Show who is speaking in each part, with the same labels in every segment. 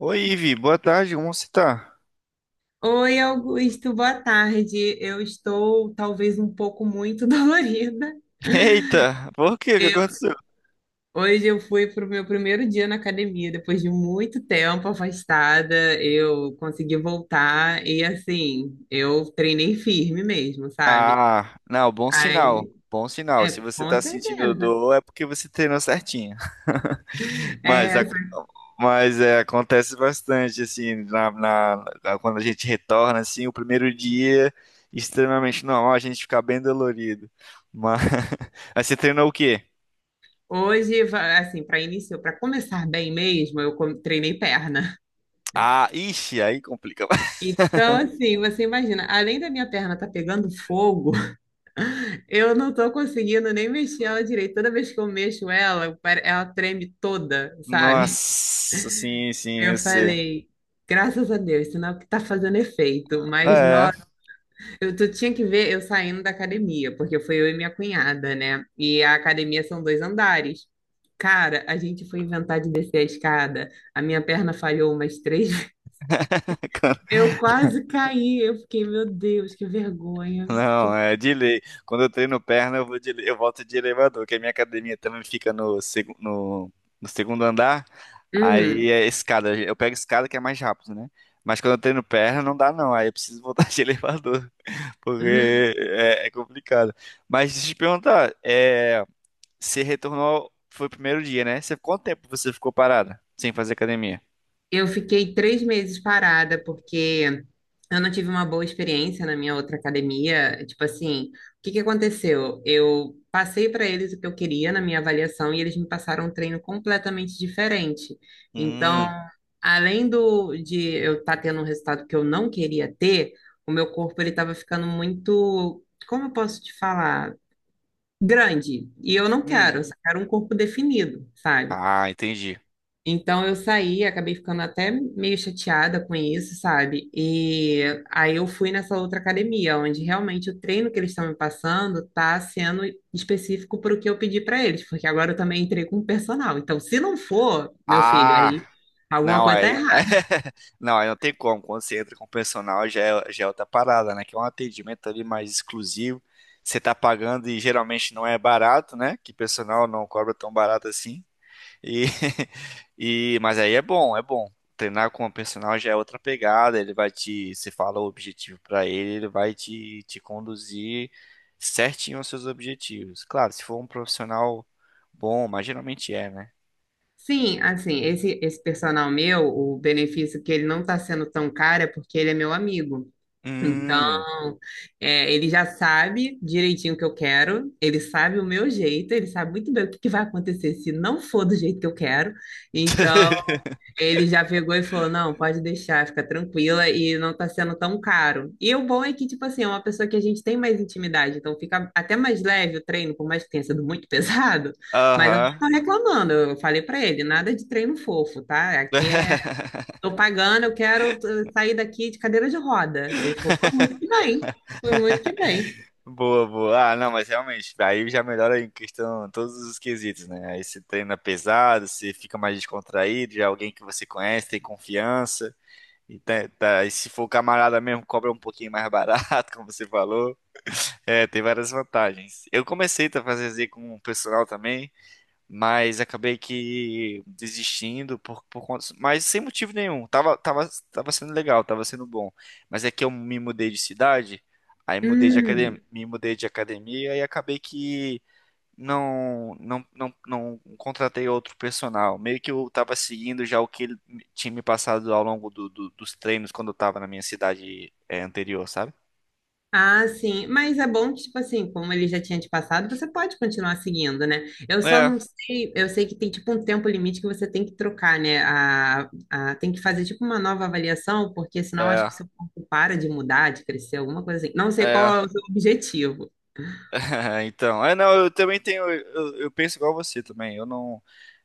Speaker 1: Oi, Ivi, boa tarde, como você tá?
Speaker 2: Oi, Augusto, boa tarde. Eu estou talvez um pouco muito dolorida.
Speaker 1: Eita, por quê? O que
Speaker 2: Eu,
Speaker 1: aconteceu?
Speaker 2: hoje eu fui para o meu primeiro dia na academia, depois de muito tempo afastada, eu consegui voltar e assim, eu treinei firme mesmo, sabe?
Speaker 1: Ah, não, bom sinal,
Speaker 2: Aí,
Speaker 1: bom sinal. Se
Speaker 2: é,
Speaker 1: você tá
Speaker 2: com
Speaker 1: sentindo
Speaker 2: certeza.
Speaker 1: dor, é porque você treinou certinho. Mas,
Speaker 2: É, só que
Speaker 1: mas é, acontece bastante, assim, quando a gente retorna, assim, o primeiro dia, extremamente normal, a gente ficar bem dolorido. Mas, mas você treinou o quê?
Speaker 2: hoje, assim, para início, para começar bem mesmo, eu treinei perna.
Speaker 1: Ah, ixi, aí complica.
Speaker 2: Então, assim, você imagina, além da minha perna estar pegando fogo, eu não tô conseguindo nem mexer ela direito. Toda vez que eu mexo ela, ela treme toda, sabe?
Speaker 1: Nossa, sim, sim,
Speaker 2: Eu
Speaker 1: eu sei.
Speaker 2: falei, graças a Deus, sinal que tá fazendo efeito. Mas
Speaker 1: É,
Speaker 2: nós, eu tu tinha que ver eu saindo da academia, porque foi eu e minha cunhada, né? E a academia são dois andares. Cara, a gente foi inventar de descer a escada. A minha perna falhou umas três vezes. Eu quase caí. Eu fiquei, meu Deus, que vergonha.
Speaker 1: não,
Speaker 2: Que...
Speaker 1: é de lei. Quando eu treino perna, eu volto de elevador, porque a minha academia também fica no segundo andar.
Speaker 2: Uhum.
Speaker 1: Aí é escada. Eu pego escada que é mais rápido, né? Mas quando eu treino perna, não dá não. Aí eu preciso voltar de elevador, porque é complicado. Mas deixa eu te perguntar, você retornou, foi o primeiro dia, né? Você, quanto tempo você ficou parada sem fazer academia?
Speaker 2: Eu fiquei três meses parada, porque eu não tive uma boa experiência na minha outra academia. Tipo assim, o que que aconteceu? Eu passei para eles o que eu queria na minha avaliação e eles me passaram um treino completamente diferente. Então,
Speaker 1: Hum,
Speaker 2: além do de eu estar tendo um resultado que eu não queria ter, o meu corpo ele estava ficando muito, como eu posso te falar, grande. E eu não
Speaker 1: hum.
Speaker 2: quero, eu só quero um corpo definido, sabe?
Speaker 1: Ah, entendi.
Speaker 2: Então eu saí, acabei ficando até meio chateada com isso, sabe? E aí eu fui nessa outra academia, onde realmente o treino que eles estão me passando tá sendo específico para o que eu pedi para eles, porque agora eu também entrei com personal. Então, se não for, meu filho,
Speaker 1: Ah.
Speaker 2: aí alguma
Speaker 1: Não,
Speaker 2: coisa tá
Speaker 1: aí.
Speaker 2: errada.
Speaker 1: Não, aí não tem como. Quando você entra com o personal, já é outra parada, né? Que é um atendimento ali mais exclusivo. Você tá pagando e geralmente não é barato, né? Que personal não cobra tão barato assim. E, e, mas aí é bom, é bom. Treinar com o personal já é outra pegada. Ele vai te. Você fala o objetivo pra ele, ele vai te conduzir certinho aos seus objetivos. Claro, se for um profissional bom, mas geralmente é, né?
Speaker 2: Sim, assim, esse personal meu, o benefício que ele não tá sendo tão caro é porque ele é meu amigo. Então,
Speaker 1: Hum.
Speaker 2: é, ele já sabe direitinho o que eu quero, ele sabe o meu jeito, ele sabe muito bem o que que vai acontecer se não for do jeito que eu quero. Então, ele já pegou e falou: não, pode deixar, fica tranquila, e não tá sendo tão caro. E o bom é que, tipo assim, é uma pessoa que a gente tem mais intimidade, então fica até mais leve o treino, por mais que tenha sido muito pesado. Mas eu não
Speaker 1: Aham.
Speaker 2: tô reclamando, eu falei pra ele: nada de treino fofo, tá? Aqui é... Tô pagando, eu quero sair daqui de cadeira de roda. Ele falou, pô, muito que bem. Foi muito que bem.
Speaker 1: Boa, boa. Ah, não, mas realmente, aí já melhora em questão todos os quesitos, né? Aí você treina pesado, você fica mais descontraído, já é alguém que você conhece, tem confiança. E, e se for camarada mesmo, cobra um pouquinho mais barato, como você falou. É, tem várias vantagens. Eu comecei a fazer Z com o personal também. Mas acabei que desistindo por conta, mas sem motivo nenhum. Tava sendo legal, tava sendo bom. Mas é que eu me mudei de cidade, aí mudei de
Speaker 2: Hum,
Speaker 1: academia, me mudei de academia e acabei que não contratei outro personal. Meio que eu tava seguindo já o que ele tinha me passado ao longo dos treinos quando eu tava na minha cidade, é, anterior, sabe?
Speaker 2: ah, sim. Mas é bom que, tipo assim, como ele já tinha te passado, você pode continuar seguindo, né? Eu só
Speaker 1: É,
Speaker 2: não sei, eu sei que tem tipo um tempo limite que você tem que trocar, né? Tem que fazer tipo uma nova avaliação, porque senão acho
Speaker 1: é,
Speaker 2: que seu corpo para de mudar, de crescer, alguma coisa assim. Não sei
Speaker 1: é.
Speaker 2: qual é o seu objetivo.
Speaker 1: Então, é, não, eu também tenho, eu penso igual você também. Eu não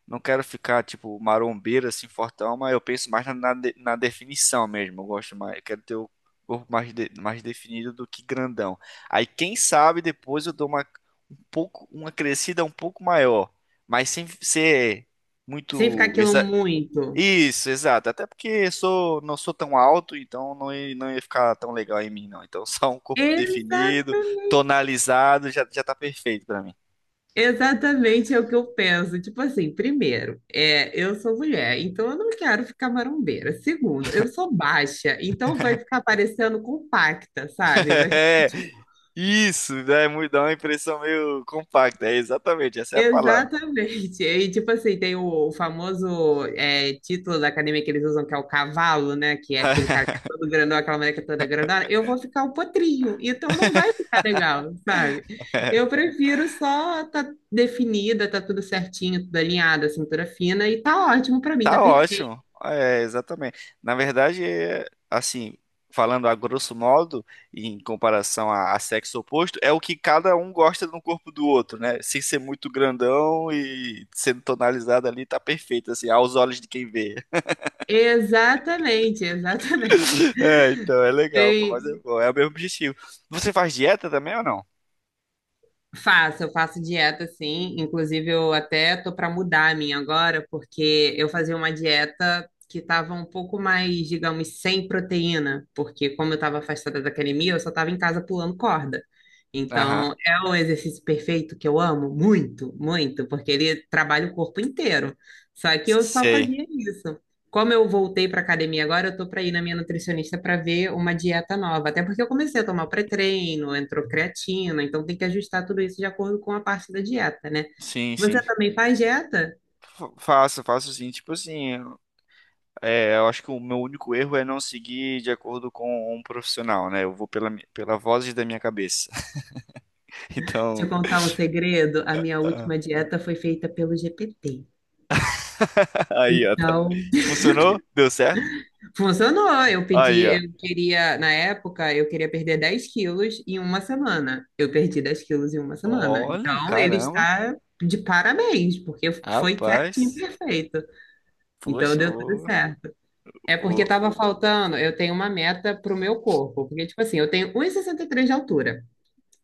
Speaker 1: Não quero ficar, tipo, marombeiro, assim, fortão, mas eu penso mais na definição mesmo. Eu gosto mais, eu quero ter o corpo mais, mais definido do que grandão. Aí, quem sabe, depois eu dou uma, um pouco, uma crescida um pouco maior, mas sem ser
Speaker 2: Sem ficar
Speaker 1: muito...
Speaker 2: aquilo
Speaker 1: exa-
Speaker 2: muito.
Speaker 1: Isso, exato. Até porque eu sou, não sou tão alto, então não ia ficar tão legal em mim, não. Então, só um corpo
Speaker 2: Exatamente.
Speaker 1: definido, tonalizado, já tá perfeito pra mim.
Speaker 2: Exatamente é o que eu penso. Tipo assim, primeiro, é, eu sou mulher, então eu não quero ficar marombeira. Segundo, eu sou baixa, então vai ficar parecendo compacta, sabe? Vai ficar
Speaker 1: É,
Speaker 2: tipo...
Speaker 1: isso, né? Dá uma impressão meio compacta. É exatamente, essa é a palavra.
Speaker 2: Exatamente. E tipo assim, tem o famoso é, título da academia que eles usam, que é o cavalo, né? Que é aquele cara que é todo grandão, aquela mulher que é toda grandona. Eu vou ficar o potrinho, então não vai ficar legal, sabe? Eu prefiro só tá definida, tá tudo certinho, tudo alinhado, a cintura fina, e tá ótimo pra mim, tá
Speaker 1: Tá
Speaker 2: perfeito.
Speaker 1: ótimo. É, exatamente. Na verdade, é, assim, falando a grosso modo, em comparação a sexo oposto, é o que cada um gosta no corpo do outro, né? Sem ser muito grandão e sendo tonalizado ali, tá perfeito, assim, aos olhos de quem vê.
Speaker 2: Exatamente, exatamente.
Speaker 1: É, então, é legal, pô, mas é
Speaker 2: Tem...
Speaker 1: bom, é o mesmo objetivo. Você faz dieta também ou não?
Speaker 2: Faço, eu faço dieta sim. Inclusive, eu até tô para mudar a minha agora, porque eu fazia uma dieta que tava um pouco mais, digamos, sem proteína, porque como eu estava afastada da academia, eu só estava em casa pulando corda.
Speaker 1: Aham.
Speaker 2: Então, é o exercício perfeito que eu amo muito, muito, porque ele trabalha o corpo inteiro. Só que eu só
Speaker 1: Sei.
Speaker 2: fazia isso. Como eu voltei para academia agora, eu tô para ir na minha nutricionista para ver uma dieta nova. Até porque eu comecei a tomar o pré-treino, entrou creatina, então tem que ajustar tudo isso de acordo com a parte da dieta, né?
Speaker 1: Sim, sim.
Speaker 2: Você também faz dieta?
Speaker 1: Faço, faço sim. Tipo assim, é, eu acho que o meu único erro é não seguir de acordo com um profissional, né? Eu vou pela voz da minha cabeça.
Speaker 2: Te
Speaker 1: Então,
Speaker 2: contar um segredo, a minha última dieta foi feita pelo GPT.
Speaker 1: aí, ó. Tá.
Speaker 2: Então,
Speaker 1: E funcionou? Deu certo?
Speaker 2: funcionou. Eu pedi,
Speaker 1: Aí, ó.
Speaker 2: eu queria, na época, eu queria perder 10 quilos em uma semana. Eu perdi 10 quilos em uma semana.
Speaker 1: Olha,
Speaker 2: Então, ele
Speaker 1: caramba.
Speaker 2: está de parabéns, porque foi certinho,
Speaker 1: Rapaz.
Speaker 2: perfeito. Então
Speaker 1: Poxa,
Speaker 2: deu tudo certo. É porque
Speaker 1: vou.
Speaker 2: tava faltando, eu tenho uma meta pro meu corpo, porque tipo assim, eu tenho um e 63 de altura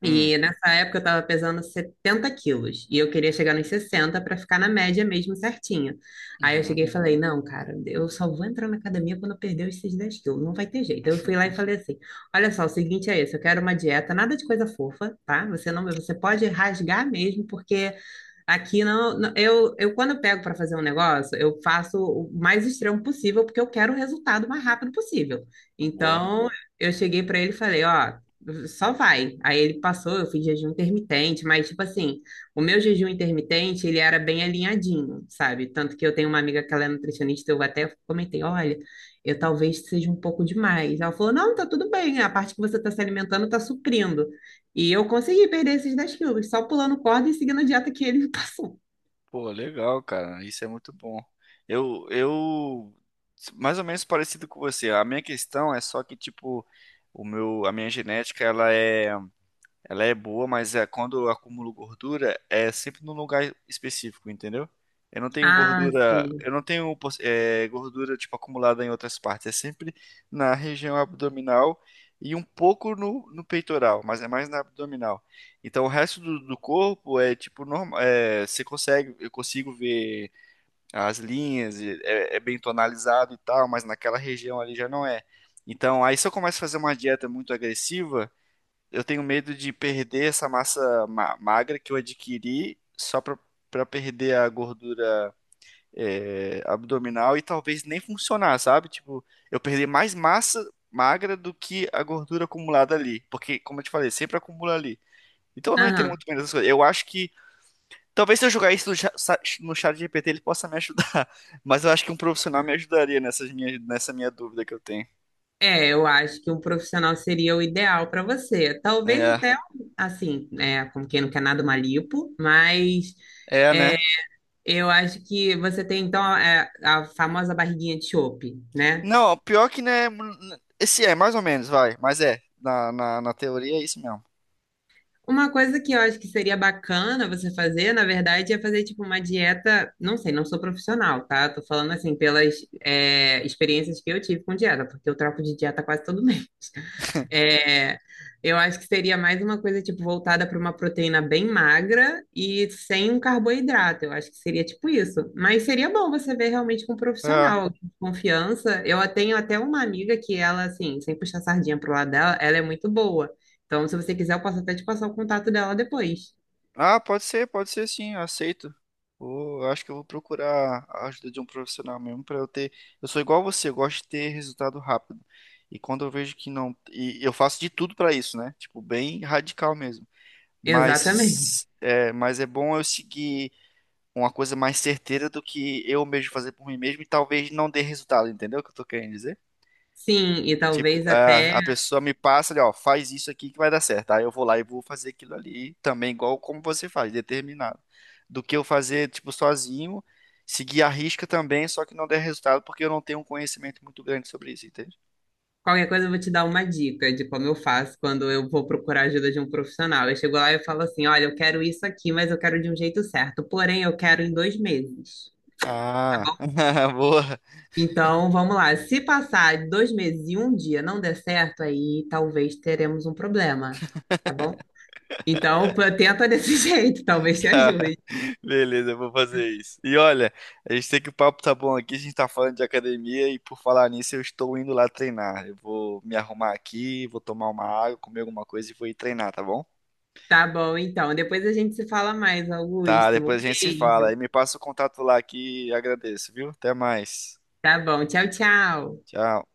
Speaker 1: Hum,
Speaker 2: e nessa época eu tava pesando 70 quilos e eu queria chegar nos 60 para ficar na média mesmo certinha. Aí eu
Speaker 1: uhum,
Speaker 2: cheguei e falei, não, cara, eu só vou entrar na academia quando eu perder esses 10 quilos, não vai ter jeito. Eu fui lá e falei assim, olha só, o seguinte é esse, eu quero uma dieta, nada de coisa fofa, tá? Você não, você pode rasgar mesmo, porque aqui não, não- eu quando eu pego para fazer um negócio, eu faço o mais extremo possível, porque eu quero o resultado o mais rápido possível.
Speaker 1: boa.
Speaker 2: Então, eu cheguei para ele e falei, ó, só vai. Aí ele passou, eu fiz jejum intermitente, mas tipo assim, o meu jejum intermitente, ele era bem alinhadinho, sabe? Tanto que eu tenho uma amiga que ela é nutricionista, eu até comentei, olha, eu talvez seja um pouco demais. Ela falou, não, tá tudo bem, a parte que você tá se alimentando tá suprindo. E eu consegui perder esses 10 quilos, só pulando corda e seguindo a dieta que ele me passou.
Speaker 1: Pô, legal, cara. Isso é muito bom. Eu, eu, mais ou menos parecido com você. A minha questão é só que, tipo, a minha genética, ela é boa, mas é, quando eu acumulo gordura, é sempre num lugar específico, entendeu? Eu não tenho
Speaker 2: Ah,
Speaker 1: gordura,
Speaker 2: sim.
Speaker 1: eu não tenho gordura tipo acumulada em outras partes, é sempre na região abdominal e um pouco no peitoral, mas é mais na abdominal. Então o resto do, do corpo é tipo normal, é, eu consigo ver as linhas, e é bem tonalizado e tal, mas naquela região ali já não é. Então aí se eu começo a fazer uma dieta muito agressiva eu tenho medo de perder essa massa magra que eu adquiri só pra perder a gordura é, abdominal e talvez nem funcionar, sabe? Tipo, eu perder mais massa magra do que a gordura acumulada ali. Porque, como eu te falei, sempre acumula ali. Então eu não entendo
Speaker 2: Aham.
Speaker 1: muito bem dessas coisas. Eu acho que. Talvez se eu jogar isso no no chat GPT ele possa me ajudar. Mas eu acho que um profissional me ajudaria nessa minha dúvida que eu tenho.
Speaker 2: É, eu acho que um profissional seria o ideal para você. Talvez
Speaker 1: É,
Speaker 2: até, assim, é, como quem não quer nada, uma lipo, mas é,
Speaker 1: né?
Speaker 2: eu acho que você tem, então, é, a famosa barriguinha de chope, né?
Speaker 1: Não, pior que né. Esse é, mais ou menos, vai. Mas é. Na teoria é isso mesmo.
Speaker 2: Uma coisa que eu acho que seria bacana você fazer, na verdade, é fazer tipo uma dieta. Não sei, não sou profissional, tá? Tô falando assim pelas é, experiências que eu tive com dieta, porque eu troco de dieta quase todo mês. É, eu acho que seria mais uma coisa tipo voltada para uma proteína bem magra e sem um carboidrato. Eu acho que seria tipo isso. Mas seria bom você ver realmente com um
Speaker 1: É.
Speaker 2: profissional alguém de confiança. Eu tenho até uma amiga que ela assim, sem puxar sardinha pro lado dela, ela é muito boa. Então, se você quiser, eu posso até te passar o contato dela depois.
Speaker 1: Ah, pode ser sim, eu aceito. Eu acho que eu vou procurar a ajuda de um profissional mesmo pra eu ter. Eu sou igual você, eu gosto de ter resultado rápido. E quando eu vejo que não. E eu faço de tudo pra isso, né? Tipo, bem radical mesmo.
Speaker 2: Exatamente.
Speaker 1: Mas é bom eu seguir uma coisa mais certeira do que eu mesmo fazer por mim mesmo e talvez não dê resultado, entendeu o que eu tô querendo dizer?
Speaker 2: Sim, e
Speaker 1: Tipo,
Speaker 2: talvez até...
Speaker 1: a pessoa me passa ali, ó, faz isso aqui que vai dar certo. Aí eu vou lá e vou fazer aquilo ali também, igual como você faz, determinado. Do que eu fazer, tipo, sozinho, seguir a risca também, só que não der resultado porque eu não tenho um conhecimento muito grande sobre isso, entende?
Speaker 2: Qualquer coisa eu vou te dar uma dica de como eu faço quando eu vou procurar ajuda de um profissional. Eu chego lá e eu falo assim: olha, eu quero isso aqui, mas eu quero de um jeito certo. Porém, eu quero em dois meses.
Speaker 1: Ah, boa.
Speaker 2: Então, vamos lá. Se passar dois meses e um dia não der certo, aí talvez teremos um problema, tá bom? Então, pô, tenta desse jeito, talvez te
Speaker 1: Tá.
Speaker 2: ajude.
Speaker 1: Beleza, eu vou fazer isso. E olha, a gente tem que o papo tá bom aqui, a gente tá falando de academia e por falar nisso, eu estou indo lá treinar. Eu vou me arrumar aqui, vou tomar uma água, comer alguma coisa e vou ir treinar, tá bom?
Speaker 2: Tá bom, então. Depois a gente se fala mais,
Speaker 1: Tá,
Speaker 2: Augusto. Um
Speaker 1: depois a gente se fala. Aí
Speaker 2: beijo.
Speaker 1: me passa o contato lá que agradeço, viu? Até mais.
Speaker 2: Tá bom. Tchau, tchau.
Speaker 1: Tchau.